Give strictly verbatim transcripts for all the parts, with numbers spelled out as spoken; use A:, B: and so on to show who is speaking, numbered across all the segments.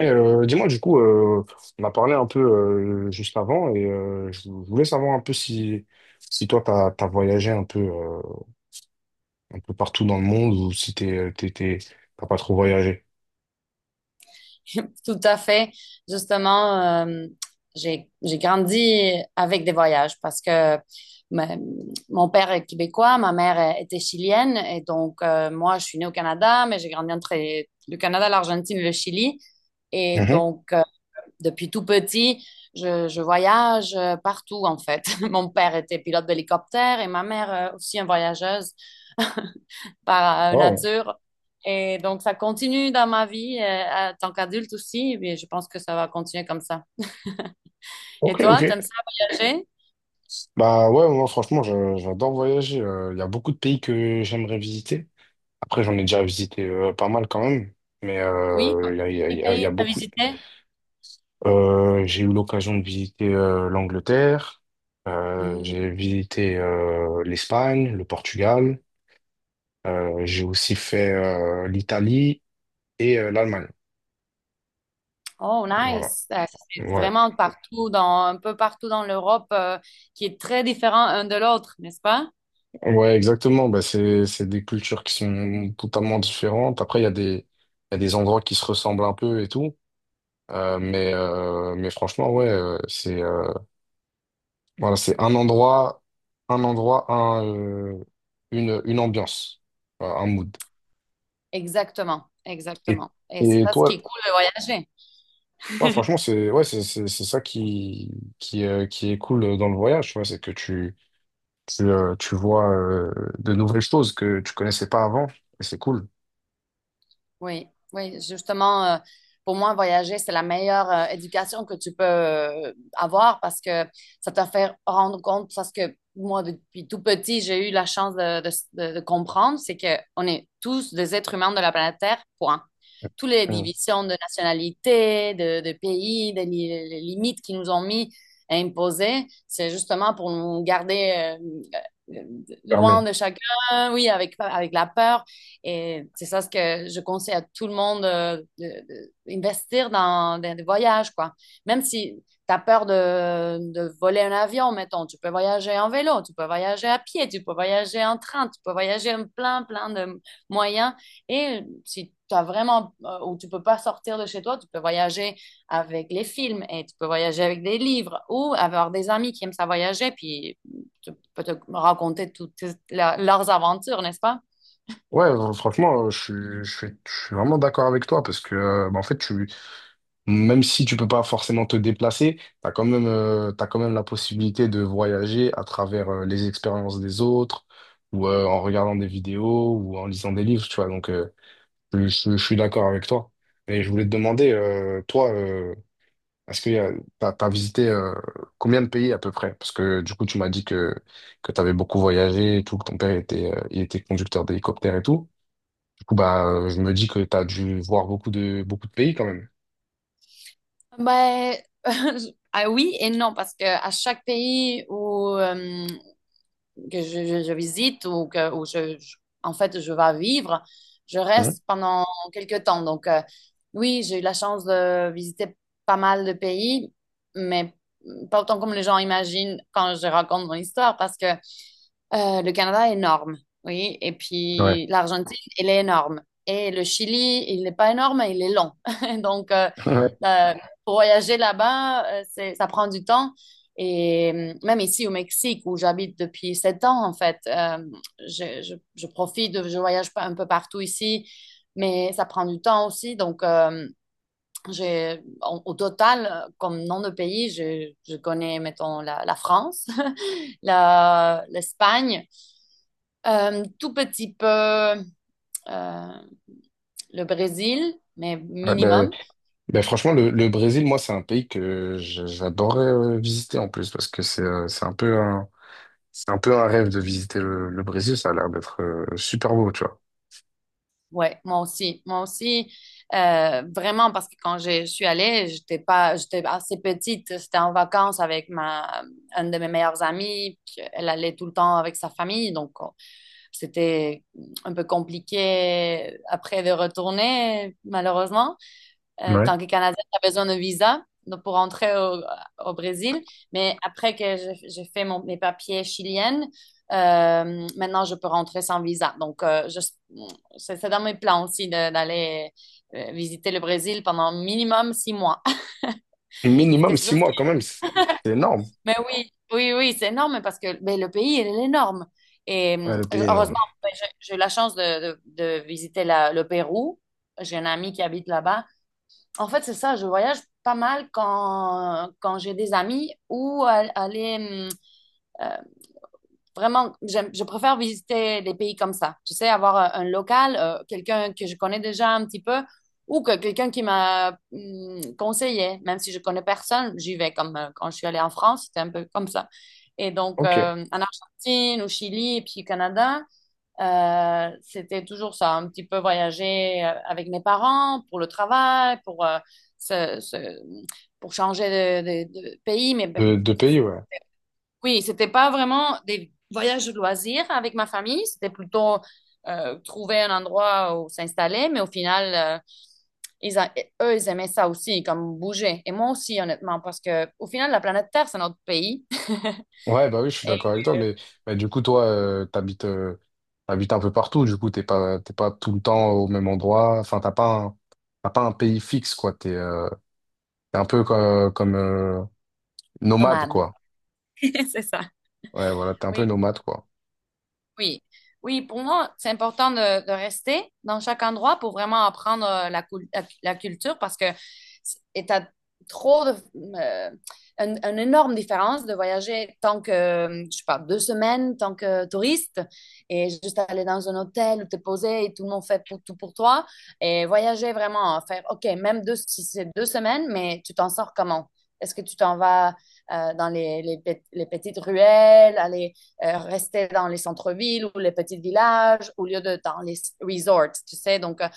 A: Et, euh, dis-moi, du coup, euh, on a parlé un peu euh, juste avant et euh, je voulais savoir un peu si, si toi, t'as, t'as voyagé un peu, euh, un peu partout dans le monde ou si t'es, euh, t'es, t'es- t'as pas trop voyagé.
B: Tout à fait. Justement, euh, j'ai, j'ai grandi avec des voyages parce que ma- mon père est québécois, ma mère est- était chilienne et donc euh, moi, je suis née au Canada, mais j'ai grandi entre le Canada, l'Argentine et le Chili. Et
A: Mhm.
B: donc, euh, depuis tout petit, je, je voyage euh, partout en fait. Mon père était pilote d'hélicoptère et ma mère euh, aussi une voyageuse par
A: Wow.
B: nature. Et donc, ça continue dans ma vie, euh, en tant qu'adulte aussi, et je pense que ça va continuer comme ça. Et
A: Ok, ok.
B: toi, t'aimes ça voyager?
A: Bah ouais, moi, franchement, je- j'adore voyager. Euh, Il y a beaucoup de pays que j'aimerais visiter. Après, j'en ai déjà visité euh, pas mal quand même, mais
B: Oui?
A: euh, il y a, il y a, il
B: Quel
A: y a il y
B: pays
A: a
B: t'as
A: beaucoup.
B: visité?
A: Euh, j'ai eu l'occasion de visiter euh, l'Angleterre, euh,
B: Hmm.
A: j'ai visité euh, l'Espagne, le Portugal, euh, j'ai aussi fait euh, l'Italie et euh, l'Allemagne.
B: Oh,
A: Voilà.
B: nice. Euh, C'est
A: Ouais.
B: vraiment partout, dans, un peu partout dans l'Europe, euh, qui est très différent un de l'autre, n'est-ce pas?
A: Ouais, exactement. Bah, c'est, c'est des cultures qui sont totalement différentes. Après, il y a des, il y a des endroits qui se ressemblent un peu et tout. Euh, mais, euh, mais franchement, ouais, euh, c'est euh, voilà, c'est un endroit, un endroit, un, euh, une, une ambiance, euh, un mood.
B: Exactement,
A: Et,
B: exactement. Et c'est
A: et
B: ça ce qui
A: toi,
B: est cool de voyager.
A: ouais, franchement, c'est ouais, c'est c'est- c'est ça qui, qui, euh, qui est cool dans le voyage, tu vois, c'est que tu, tu, euh, tu vois euh, de nouvelles choses que tu connaissais pas avant, et c'est cool.
B: Oui, oui, justement, euh, pour moi, voyager, c'est la meilleure euh, éducation que tu peux euh, avoir parce que ça te fait rendre compte, parce que moi, depuis tout petit, j'ai eu la chance de, de- de- de comprendre, c'est que on est tous des êtres humains de la planète Terre, point. Toutes les
A: Mm.
B: divisions de nationalité, de, de pays, des li- les limites qui nous ont mis à imposer, c'est justement pour nous garder euh, euh, loin
A: Fermé.
B: de chacun, oui, avec, avec la peur et c'est ça ce que je conseille à tout le monde d'investir dans, des voyages, quoi. Même si tu as peur de, de voler un avion, mettons, tu peux voyager en vélo, tu peux voyager à pied, tu peux voyager en train, tu peux voyager en plein, plein de moyens. Et si tu as vraiment, euh, ou tu peux pas sortir de chez toi, tu peux voyager avec les films et tu peux voyager avec des livres ou avoir des amis qui aiment ça voyager, puis tu peux te raconter toutes leurs aventures, n'est-ce pas?
A: Ouais, euh, franchement, euh, je suis, je suis, je suis vraiment d'accord avec toi parce que, euh, bah, en fait, tu, même si tu peux pas forcément te déplacer, tu as quand même, euh, t'as quand même la possibilité de voyager à travers euh, les expériences des autres, ou euh, en regardant des vidéos, ou en lisant des livres, tu vois. Donc, euh, je, je- je suis d'accord avec toi. Et je voulais te demander, euh, toi, euh, est-ce que tu as visité euh, combien de pays à peu près? Parce que du coup, tu m'as dit que, que tu avais beaucoup voyagé et tout, que ton père était, euh, il était conducteur d'hélicoptère et tout. Du coup, bah, euh, je me dis que tu as dû voir beaucoup de, beaucoup de pays quand même.
B: Ben, je- ah oui et non, parce que à chaque pays où, euh, que je, je- je visite ou que où je, je- en fait je vais vivre, je
A: Hein.
B: reste pendant quelques temps. Donc euh, oui, j'ai eu la chance de visiter pas mal de pays, mais pas autant comme les gens imaginent quand je raconte mon histoire, parce que Euh, le Canada est énorme, oui. Et
A: Ouais.
B: puis l'Argentine, elle est énorme. Et le Chili, il n'est pas énorme, il est long. Donc, euh, la- pour voyager là-bas, euh, c'est- ça prend du temps. Et euh, même ici au Mexique, où j'habite depuis sept ans, en fait, euh, je, je- je profite, de- je voyage pas un peu partout ici, mais ça prend du temps aussi. Donc, euh, j'ai, en- au total, euh, comme nom de pays, je, je connais, mettons, la la France, la- l'Espagne. Euh, tout petit peu euh, le Brésil, mais
A: Ouais, ben,
B: minimum.
A: ben franchement, le, le Brésil, moi, c'est un pays que je- j'adorerais euh, visiter en plus parce que c'est euh, c'est un peu un, c'est un peu un rêve de visiter le, le Brésil. Ça a l'air d'être euh, super beau, tu vois.
B: Ouais, moi aussi, moi aussi. Euh, vraiment, parce que quand je suis allée, j'étais pas, j'étais assez petite. C'était en vacances avec ma, un de mes meilleurs amis. Puis Elle allait tout le temps avec sa famille, donc euh, c'était un peu compliqué après de retourner, malheureusement. Euh,
A: Ouais.
B: tant que Canadien, tu besoin d'un visa donc, pour entrer au, au Brésil. Mais après que j'ai j'ai fait mon- mes papiers chiliennes, euh, maintenant, je peux rentrer sans visa. Donc, euh, je- c'est c'est dans mes plans aussi de- d'aller euh, visiter le Brésil pendant minimum six mois.
A: Et minimum
B: Parce que c'est
A: six
B: ça,
A: mois quand même, c'est c'est énorme.
B: mais oui, oui, oui, c'est énorme parce que ben, le pays, il est énorme. Et
A: Ouais,
B: hum,
A: le pays est
B: heureusement,
A: énorme.
B: ben, j'ai j'ai eu la chance de, de- de visiter la- le Pérou. J'ai un ami qui habite là-bas. En fait, c'est ça, je voyage pas mal quand, quand j'ai des amis ou a- aller hum, euh, vraiment, j'aime- je préfère visiter des pays comme ça. Tu sais, avoir un, un local, euh, quelqu'un que je connais déjà un petit peu ou que quelqu'un qui m'a hum, conseillé. Même si je connais personne, j'y vais comme euh, quand je suis allée en France, c'était un peu comme ça. Et donc,
A: Ok.
B: euh, en Argentine, au Chili, et puis au Canada. Euh, c'était toujours ça, un petit peu voyager euh, avec mes parents pour le travail, pour, euh, se- se- pour changer de, de- de pays. Mais ben,
A: De, de pays, ouais.
B: oui, c'était pas vraiment des voyages de loisirs avec ma famille, c'était plutôt euh, trouver un endroit où s'installer. Mais au final, euh, ils a- eux, ils aimaient ça aussi, comme bouger. Et moi aussi, honnêtement, parce que au final, la planète Terre, c'est notre pays.
A: Ouais, bah oui, je suis
B: Et
A: d'accord avec toi,
B: euh,
A: mais, mais du coup, toi, euh, t'habites euh, t'habites un peu partout, du coup, t'es pas, t'es pas tout le temps au même endroit. Enfin, t'as pas un, t'as pas un pays fixe, quoi. T'es euh, t'es un peu co- comme, euh, nomade,
B: nomade.
A: quoi.
B: C'est ça.
A: Ouais, voilà, t'es un peu
B: Oui.
A: nomade, quoi.
B: Oui, oui, pour moi, c'est important de, de rester dans chaque endroit pour vraiment apprendre euh, la, cul- la, la culture parce que c'est- et t'as trop de, euh, un- une énorme différence de voyager tant que, euh, je sais pas, deux semaines, tant que touriste et juste aller dans un hôtel où t'es posé et tout le monde fait pour, tout pour toi et voyager vraiment, hein, faire, OK, même deux, si c'est deux semaines, mais tu t'en sors comment? Est-ce que tu t'en vas euh, dans les, les, pe- les petites ruelles, aller euh, rester dans les centres-villes ou les petits villages au lieu de dans les resorts, tu sais. Donc, euh,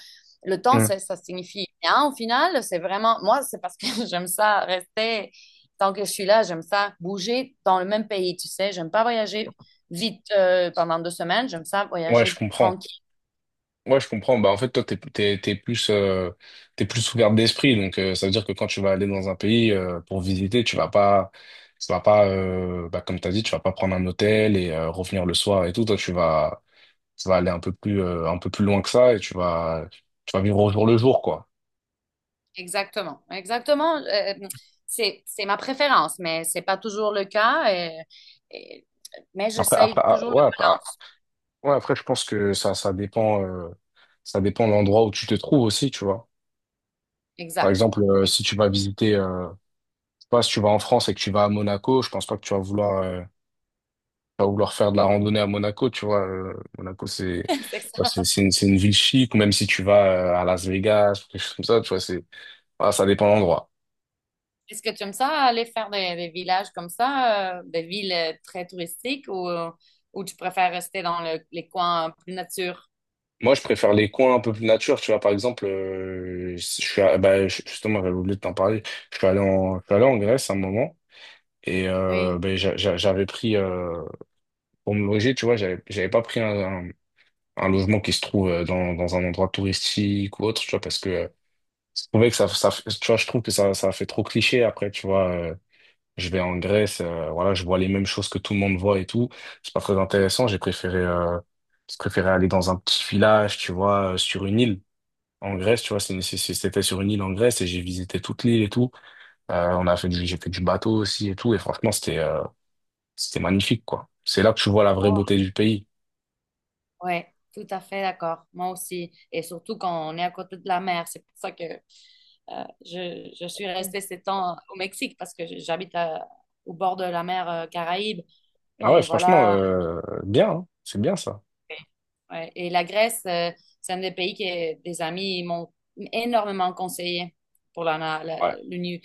B: le temps,
A: Mm.
B: ça ça signifie rien au final. C'est vraiment, moi, c'est parce que j'aime ça rester, tant que je suis là, j'aime ça bouger dans le même pays, tu sais. J'aime pas voyager vite euh, pendant deux semaines, j'aime ça
A: Ouais, je
B: voyager
A: comprends.
B: tranquille.
A: Ouais, je comprends. Bah, en fait, toi, t'es, t'es, t'es plus, euh, t'es plus ouvert d'esprit. Donc, euh, ça veut dire que quand tu vas aller dans un pays, euh, pour visiter, tu vas pas, tu vas pas, euh, bah, comme t'as dit, tu vas pas prendre un hôtel et, euh, revenir le soir et tout. Toi, tu vas, tu vas aller un peu plus, euh, un peu plus loin que ça et tu vas, tu vas vivre au jour le jour, quoi.
B: Exactement, exactement. euh, c'est, c'est ma préférence, mais c'est pas toujours le cas. et- et- mais
A: Après, après,
B: j'essaye
A: ah,
B: toujours le...
A: ouais, après, ah, ouais, après, je pense que ça, ça dépend, euh, ça dépend de l'endroit où tu te trouves aussi, tu vois. Par
B: Exact.
A: exemple, euh, si tu vas visiter, euh, pas, si tu vas en France et que tu vas à Monaco, je pense pas que tu vas vouloir, euh, tu vas vouloir faire de la randonnée à Monaco, tu vois. euh, Monaco, c'est,
B: C'est
A: bah,
B: ça.
A: c'est, c'est une, c'est une ville chic, ou même si tu vas euh, à Las Vegas, quelque chose comme ça, tu vois, c'est, voilà, ça dépend de l'endroit.
B: Est-ce que tu aimes ça aller faire des, des villages comme ça, euh, des villes euh, très touristiques ou, euh, ou tu préfères rester dans le- les coins plus nature?
A: Moi, je préfère les coins un peu plus nature, tu vois. Par exemple, euh, je suis, à- bah, je- justement, j'avais oublié de t'en parler. Je suis allé en, je suis allé en Grèce à un moment. Et euh,
B: Oui,
A: ben, j'a- j'a- j'avais pris, euh, pour me loger, tu vois, j'avais j'avais pas pris un, un- un logement qui se trouve euh, dans, dans un endroit touristique ou autre, tu vois, parce que euh, je trouvais que ça, ça, tu vois, je trouve que ça, ça fait trop cliché après, tu vois. euh, je vais en Grèce, euh, voilà, je vois les mêmes choses que tout le monde voit et tout. C'est pas très intéressant. J'ai préféré, euh, je préférais aller dans un petit village, tu vois, euh, sur une île. En Grèce, tu vois, c'est- c'est- c'est- c'était sur une île en Grèce et j'ai visité toute l'île et tout. Euh, on a fait du, j'ai fait du bateau aussi et tout. Et franchement, c'était, euh, c'était magnifique, quoi. C'est là que tu vois la vraie
B: Oh,
A: beauté du pays.
B: ouais, tout à fait d'accord. Moi aussi. Et surtout quand on est à côté de la mer. C'est pour ça que euh, je, je suis restée sept ans au Mexique parce que j'habite à- au bord de la mer euh, Caraïbe.
A: Ah ouais,
B: Et
A: franchement,
B: voilà,
A: euh, bien, hein. C'est bien ça.
B: Ouais. Et la Grèce, euh, c'est un des pays que des amis m'ont énormément conseillé pour la, la, la,
A: Ouais.
B: l'uni-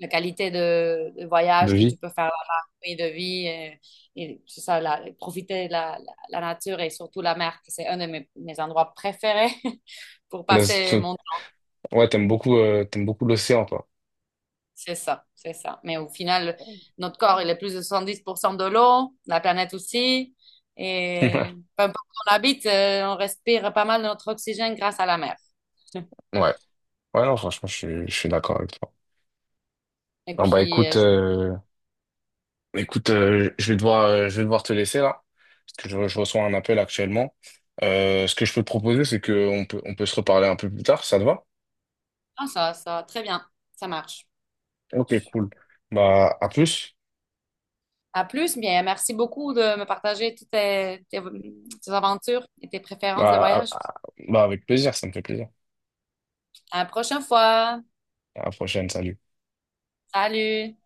B: la qualité de, de
A: De
B: voyage que tu
A: vie.
B: peux faire là-bas, et de vie, et, et c'est ça, la- profiter de la, la- la nature et surtout la mer, que c'est un de mes, mes endroits préférés pour
A: Là,
B: passer
A: c'est-
B: mon temps.
A: ouais, t'aimes beaucoup, euh, t'aimes beaucoup l'océan, toi.
B: C'est ça, c'est ça. Mais au final, notre corps, il est plus de soixante dix pour cent de l'eau, la planète aussi, et peu importe où on habite, euh, on respire pas mal de notre oxygène grâce à la mer.
A: Ouais. Ouais, non, franchement, je suis, je suis d'accord avec toi.
B: Et
A: Bon, bah,
B: puis,
A: écoute,
B: euh, je...
A: euh, écoute, euh, je vais devoir, euh, je vais devoir te laisser là, parce que je, je reçois un appel actuellement. Euh, ce que je peux te proposer, c'est qu'on peut, on peut se reparler un peu plus tard, ça te va?
B: ah, ça, ça, très bien, ça marche.
A: Ok, cool. Bah, à plus.
B: À plus, bien, merci beaucoup de me partager toutes tes, tes tes aventures et tes préférences de
A: Bah, à-
B: voyage.
A: à- bah, avec plaisir, ça me fait plaisir.
B: À la prochaine fois.
A: À la prochaine, salut.
B: Salut!